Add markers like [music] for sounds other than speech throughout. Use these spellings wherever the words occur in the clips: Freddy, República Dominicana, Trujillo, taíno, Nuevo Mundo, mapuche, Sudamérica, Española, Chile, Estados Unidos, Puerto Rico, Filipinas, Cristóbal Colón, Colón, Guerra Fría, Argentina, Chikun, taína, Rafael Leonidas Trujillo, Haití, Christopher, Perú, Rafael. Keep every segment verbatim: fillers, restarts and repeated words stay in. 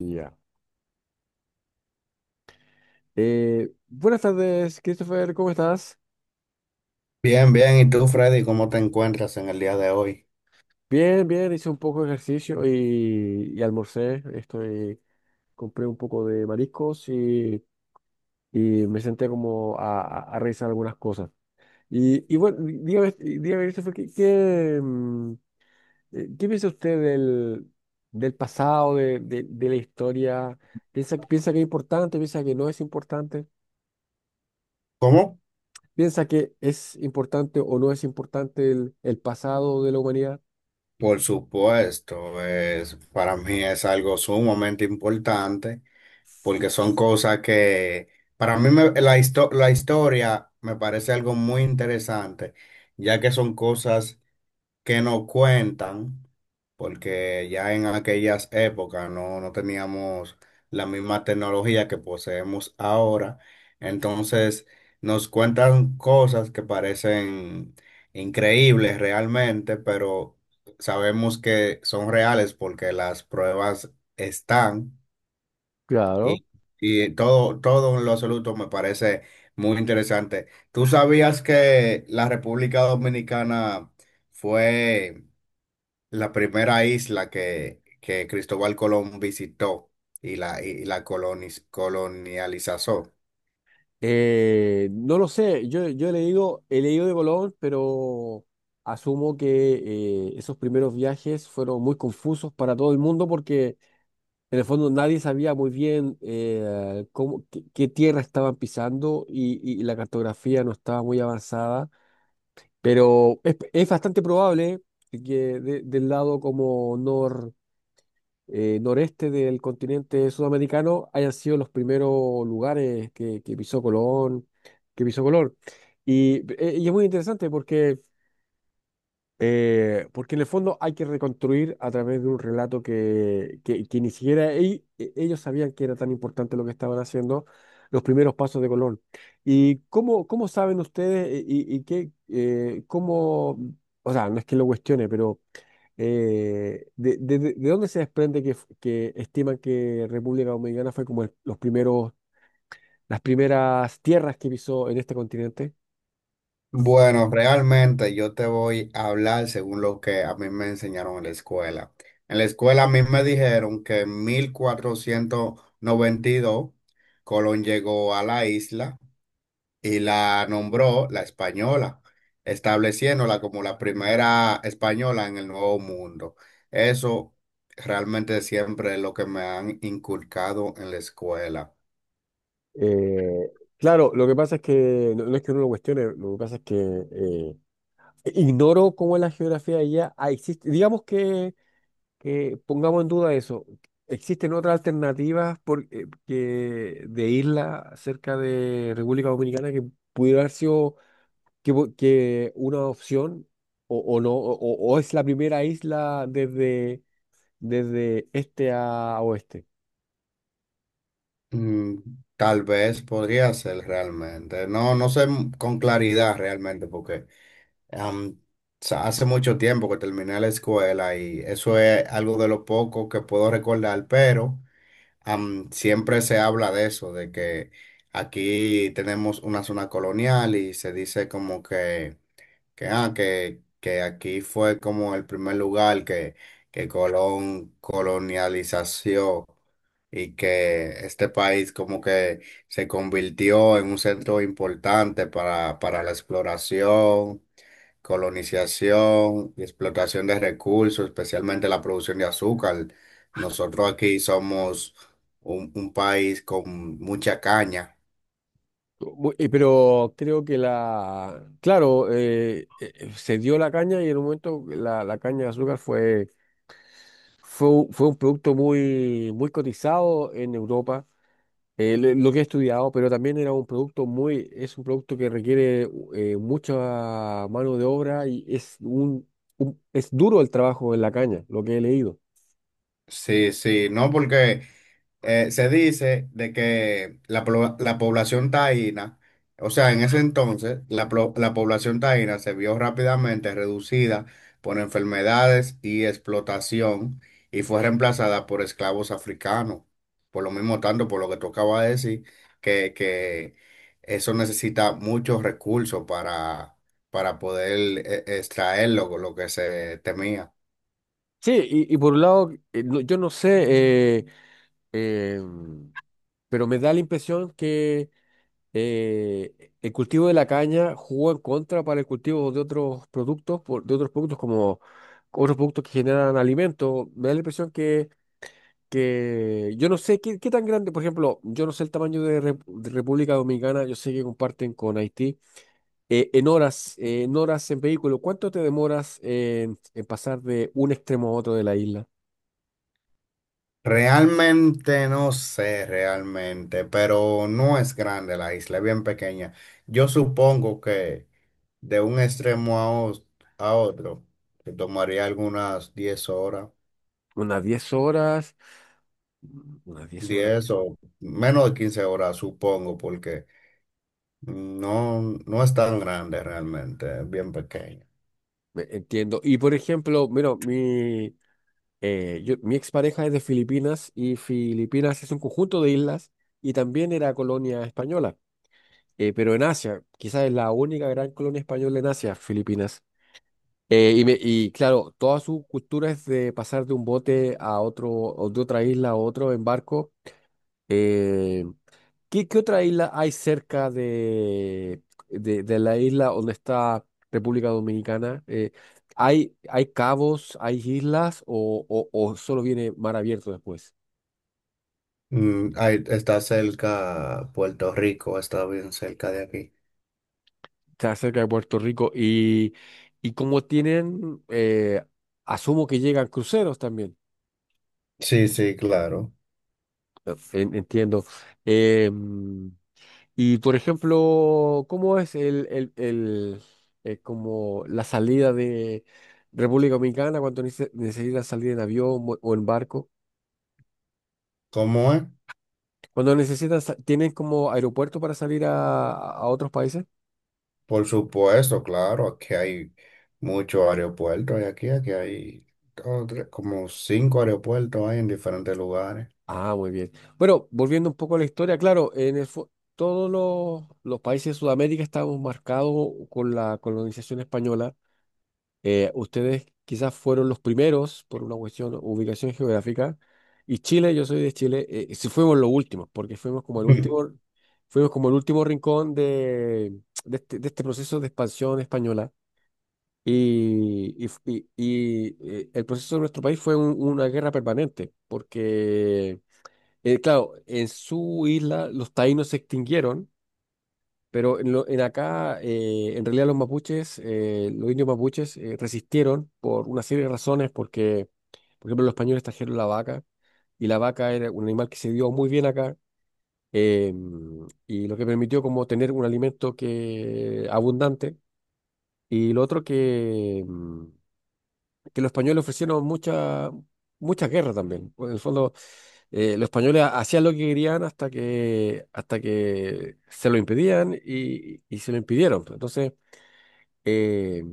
Ya. Eh, buenas tardes, Christopher, ¿cómo estás? Bien, bien. ¿Y tú, Freddy, cómo te encuentras en el día de hoy? Bien, bien, hice un poco de ejercicio y, y almorcé. Estoy, compré un poco de mariscos y, y me senté como a, a- a revisar algunas cosas. Y, y bueno, dígame, dígame, Christopher, ¿qué, qué, mm, eh, qué piensa usted del, del pasado, de, de- de la historia? ¿Piensa, piensa que es importante, piensa que no es importante? ¿Cómo? ¿Piensa que es importante o no es importante el el pasado de la humanidad? Por supuesto, es, para mí es algo sumamente importante porque son cosas que, para mí me- la, histo- la historia me parece algo muy interesante, ya que son cosas que no cuentan, porque ya en aquellas épocas no, no teníamos la misma tecnología que poseemos ahora. Entonces nos cuentan cosas que parecen increíbles realmente, pero sabemos que son reales porque las pruebas están Claro. y, y todo, todo en lo absoluto me parece muy interesante. ¿Tú sabías que la República Dominicana fue la primera isla que, que Cristóbal Colón visitó y la, y la coloniz- colonializó? Eh, no lo sé, yo, yo he leído, he leído de Colón, pero asumo que eh, esos primeros viajes fueron muy confusos para todo el mundo porque en el fondo nadie sabía muy bien eh, cómo, qué, qué tierra estaban pisando y, y la cartografía no estaba muy avanzada, pero es, es bastante probable que de- del lado como eh, noreste del continente sudamericano hayan sido los primeros lugares que, que pisó Colón, que pisó Colón. Y, eh, y es muy interesante porque, eh, porque en el fondo hay que reconstruir a través de un relato que, que, que ni siquiera e- e- ellos sabían que era tan importante lo que estaban haciendo, los primeros pasos de Colón. ¿Y cómo, cómo saben ustedes eh, y, y qué, eh, cómo, o sea, no es que lo cuestione, pero eh, de, de- de- de dónde se desprende que, f- que estiman que República Dominicana fue como el- los primeros, las primeras tierras que pisó en este continente? Bueno, realmente yo te voy a hablar según lo que a mí me enseñaron en la escuela. En la escuela a mí me dijeron que en mil cuatrocientos noventa y dos Colón llegó a la isla y la nombró la Española, estableciéndola como la primera española en el Nuevo Mundo. Eso realmente siempre es lo que me han inculcado en la escuela. Eh, claro, lo que pasa es que no, no es que uno lo cuestione, lo que pasa es que eh, ignoro cómo es la geografía de allá. Ah, existe, digamos que, que pongamos en duda eso. ¿Existen otras alternativas por, eh, que- de isla cerca de República Dominicana que pudiera haber sido que, po- que una opción o, o no o, o es la primera isla desde, desde este a oeste? Mm, Tal vez podría ser realmente. No, no sé m- con claridad realmente porque am, sa- hace mucho tiempo que terminé la escuela y eso es algo de lo poco que puedo recordar, pero am, siempre se habla de eso, de que aquí tenemos una zona colonial y se dice como que que, ah, que, que aquí fue como el primer lugar que, que Colón colonialización y que este país como que se convirtió en un centro importante para, para la exploración, colonización y explotación de recursos, especialmente la producción de azúcar. Nosotros aquí somos un, un país con mucha caña. Bu- eh, Pero creo que la, claro, eh, eh, eh, se dio la caña y en un momento la, la caña de azúcar fue, fue, un- fue un producto muy, muy cotizado en Europa, eh, lo lo que he estudiado, pero también era un producto muy, es un producto que requiere eh, mucha mano de obra y es un, un- es duro el trabajo en la caña, lo que he leído. Sí, sí, no porque... eh, se dice de que la, plo- la población taína, o sea, en ese entonces, la, plo- la población taína se vio rápidamente reducida por enfermedades y explotación y fue reemplazada por esclavos africanos. Por lo mismo tanto, por lo que tocaba decir, que, que eso necesita muchos recursos para, para poder eh, extraer lo lo que se temía. Sí, y, y por un lado, eh, no- yo no sé, eh, eh, pero me da la impresión que eh, el cultivo de la caña jugó en contra para el cultivo de otros productos, por- de otros productos como otros productos que generan alimentos. Me da la impresión que, que yo no sé qué, qué tan grande, por ejemplo, yo no sé el tamaño de, Re- de República Dominicana, yo sé que comparten con Haití. Eh, en horas, eh, en horas en vehículo, ¿cuánto te demoras en en pasar de un extremo a otro de la isla? Realmente no sé, realmente, pero no es grande la isla, es bien pequeña. Yo supongo que de un extremo a, os- a otro, que tomaría algunas diez horas, Unas diez horas, mm, unas diez horas, diez o menos de quince horas, supongo, porque no, no es tan grande realmente, es bien pequeña. me- entiendo. Y por ejemplo, mira, mi, eh, yo- mi expareja es de Filipinas y Filipinas es un conjunto de islas y también era colonia española, eh, pero en Asia, quizás es la única gran colonia española en Asia, Filipinas. Eh, y, me- y claro, toda su cultura es de pasar de un bote a otro, o de otra isla a otro en barco. Eh, ¿Qué, qué otra isla hay cerca de, de, de la isla donde está República Dominicana? Eh, ¿hay, hay cabos, hay islas o, o- o solo viene mar abierto después? Mm, ahí está cerca Puerto Rico, está bien cerca de aquí. Está cerca de Puerto Rico y, y como tienen, eh, asumo que llegan cruceros también, Sí, sí, claro. en- entiendo. Em, y por ejemplo, ¿cómo es el, el, el, eh, como la salida de República Dominicana cuando nece- necesitan salir en avión o o en barco? ¿Cómo es? Cuando necesitan, sa- ¿tienen como aeropuerto para salir a, a otros países? Por supuesto, claro, aquí hay muchos aeropuertos y aquí, aquí hay dos, tres, como cinco aeropuertos hay en diferentes lugares. Ah, muy bien. Bueno, volviendo un poco a la historia, claro, en el, fo- todos los, los países de Sudamérica estamos marcados con la colonización española. Eh, ustedes quizás fueron los primeros por una cuestión, ubicación geográfica, y Chile, yo soy de Chile, eh, sí fuimos los últimos, porque fuimos como el último, [laughs] fuimos como el último rincón de, de este, de este proceso de expansión española. Y, y, y- y, eh, el proceso de nuestro país fue un- una guerra permanente, porque, eh, claro, en su isla los taínos se extinguieron pero en, lo- en acá, eh, en realidad los mapuches, eh, los indios mapuches eh, resistieron por una serie de razones, porque, por ejemplo, los españoles trajeron la vaca, y la vaca era un animal que se dio muy bien acá, eh, y lo que permitió como tener un alimento que, abundante, y lo otro que, mm, que los españoles ofrecieron mucha, mucha guerra también. En el fondo, eh, los españoles ha- hacían lo que querían hasta que, hasta que se lo impedían y, y se lo impidieron, pues. Entonces, eh,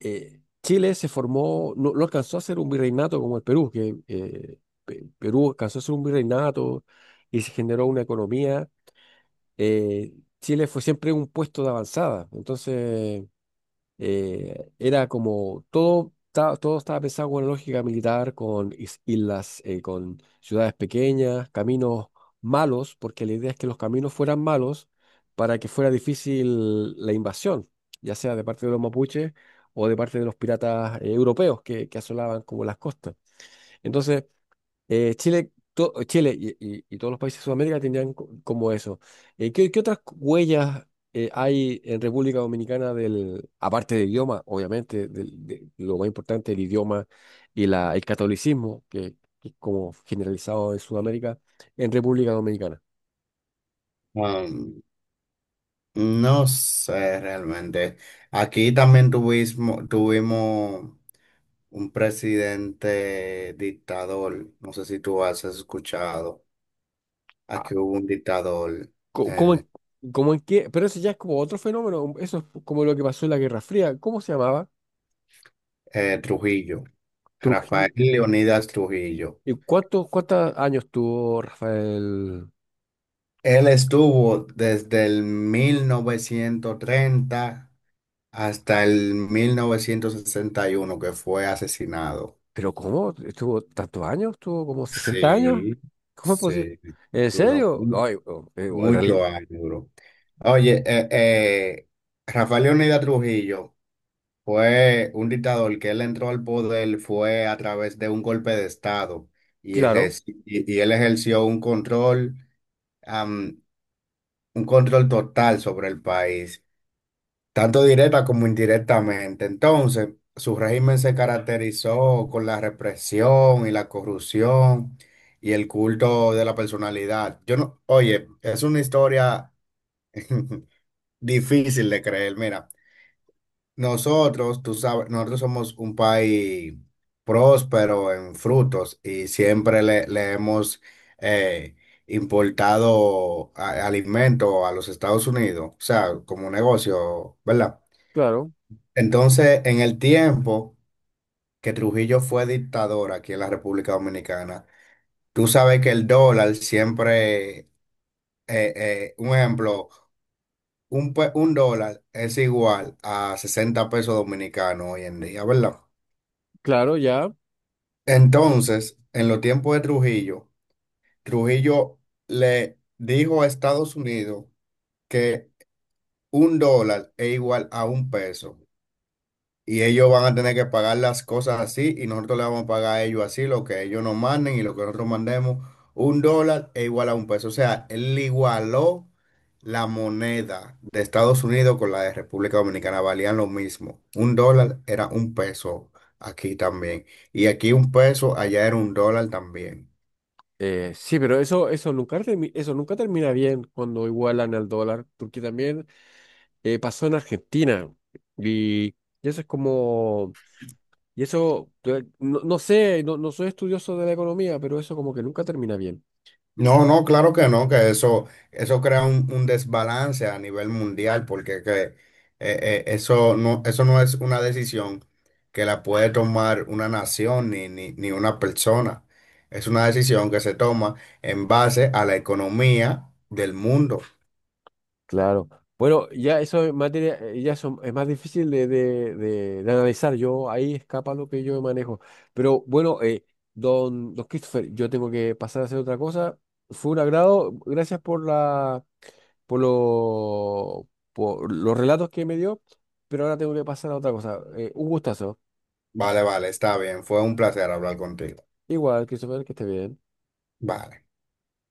eh, Chile se formó, no, no alcanzó a ser un virreinato como el Perú, que eh, Pe- Perú alcanzó a ser un virreinato y se generó una economía. eh, Chile fue siempre un puesto de avanzada, entonces eh, era como todo, ta- todo estaba pensado con lógica militar, con is- islas, eh, con ciudades pequeñas, caminos malos, porque la idea es que los caminos fueran malos para que fuera difícil la invasión, ya sea de parte de los mapuches o de parte de los piratas, eh, europeos que, que asolaban como las costas. Entonces, eh, Chile, to- Chile y, y- y todos los países de Sudamérica tendrían co- como eso. Eh, ¿qué, qué otras huellas eh, hay en República Dominicana del, aparte del idioma, obviamente, del- de, lo más importante, el idioma y la, el catolicismo, que, que es como generalizado en Sudamérica, en República Dominicana? Um, no sé realmente. Aquí también tuvimos, tuvimos un presidente dictador. No sé si tú has escuchado. Ah, Aquí hubo un dictador, co- ¿cómo, eh, en, cómo en qué? Pero eso ya es como otro fenómeno, eso es como lo que pasó en la Guerra Fría. ¿Cómo se llamaba? eh, Trujillo, Trujillo. Rafael Leonidas Trujillo. ¿Y cuántos, cuántos años tuvo Rafael? Él estuvo desde el mil novecientos treinta hasta el mil novecientos sesenta y uno, que fue asesinado. ¿Pero cómo? ¿Estuvo tantos años? ¿Estuvo como sesenta años? Sí, ¿Cómo es posible? sí, ¿En duró serio? No, mu- eh, oh, eh, oh, en reali- mucho años duró. Oye, eh, eh, Rafael Leónidas Trujillo fue un dictador que él entró al poder fue a través de un golpe de Estado y él, Claro, es- y, y él ejerció un control, am, un control total sobre el país, tanto directa como indirectamente. Entonces, su régimen se caracterizó con la represión y la corrupción y el culto de la personalidad. Yo no, oye, es una historia [laughs] difícil de creer. Mira, nosotros, tú sabes, nosotros somos un país próspero en frutos y siempre le, le hemos eh, importado a- alimentos a los Estados Unidos, o sea, como un negocio, ¿verdad? claro, Entonces, en el tiempo que Trujillo fue dictador aquí en la República Dominicana, tú sabes que el dólar siempre, eh, eh, un ejemplo, un, pe- un dólar es igual a sesenta pesos dominicanos hoy en día, ¿verdad? claro, ya. Entonces, en los tiempos de Trujillo, Trujillo le dijo a Estados Unidos que un dólar es igual a un peso. Y ellos van a tener que pagar las cosas así y nosotros le vamos a pagar a ellos así, lo que ellos nos manden y lo que nosotros mandemos, un dólar es igual a un peso. O sea, él igualó la moneda de Estados Unidos con la de República Dominicana, valían lo mismo. Un dólar era un peso aquí también. Y aquí un peso, allá era un dólar también. Eh, sí, pero eso, eso nunca termi- eso nunca termina bien cuando igualan el dólar, porque también eh, pasó en Argentina. Y, y eso es como, y eso, eh, no, no sé, no, no soy estudioso de la economía, pero eso como que nunca termina bien. No, no, claro que no, que eso, eso crea un, un desbalance a nivel mundial, porque que, eh, eh, eso no, eso no es una decisión que la puede tomar una nación ni, ni, ni una persona. Es una decisión que se toma en base a la economía del mundo. Claro. Bueno, ya eso es materia, eh, ya son, es más difícil de, de- de- de analizar. Yo ahí escapa lo que yo manejo. Pero bueno, eh, don, don Christopher, yo tengo que pasar a hacer otra cosa. Fue un agrado. Gracias por la, por lo, por los relatos que me dio. Pero ahora tengo que pasar a otra cosa. Eh, un gustazo. Vale, vale, está bien. Fue un placer hablar contigo. Igual, Christopher, que esté bien. Vale.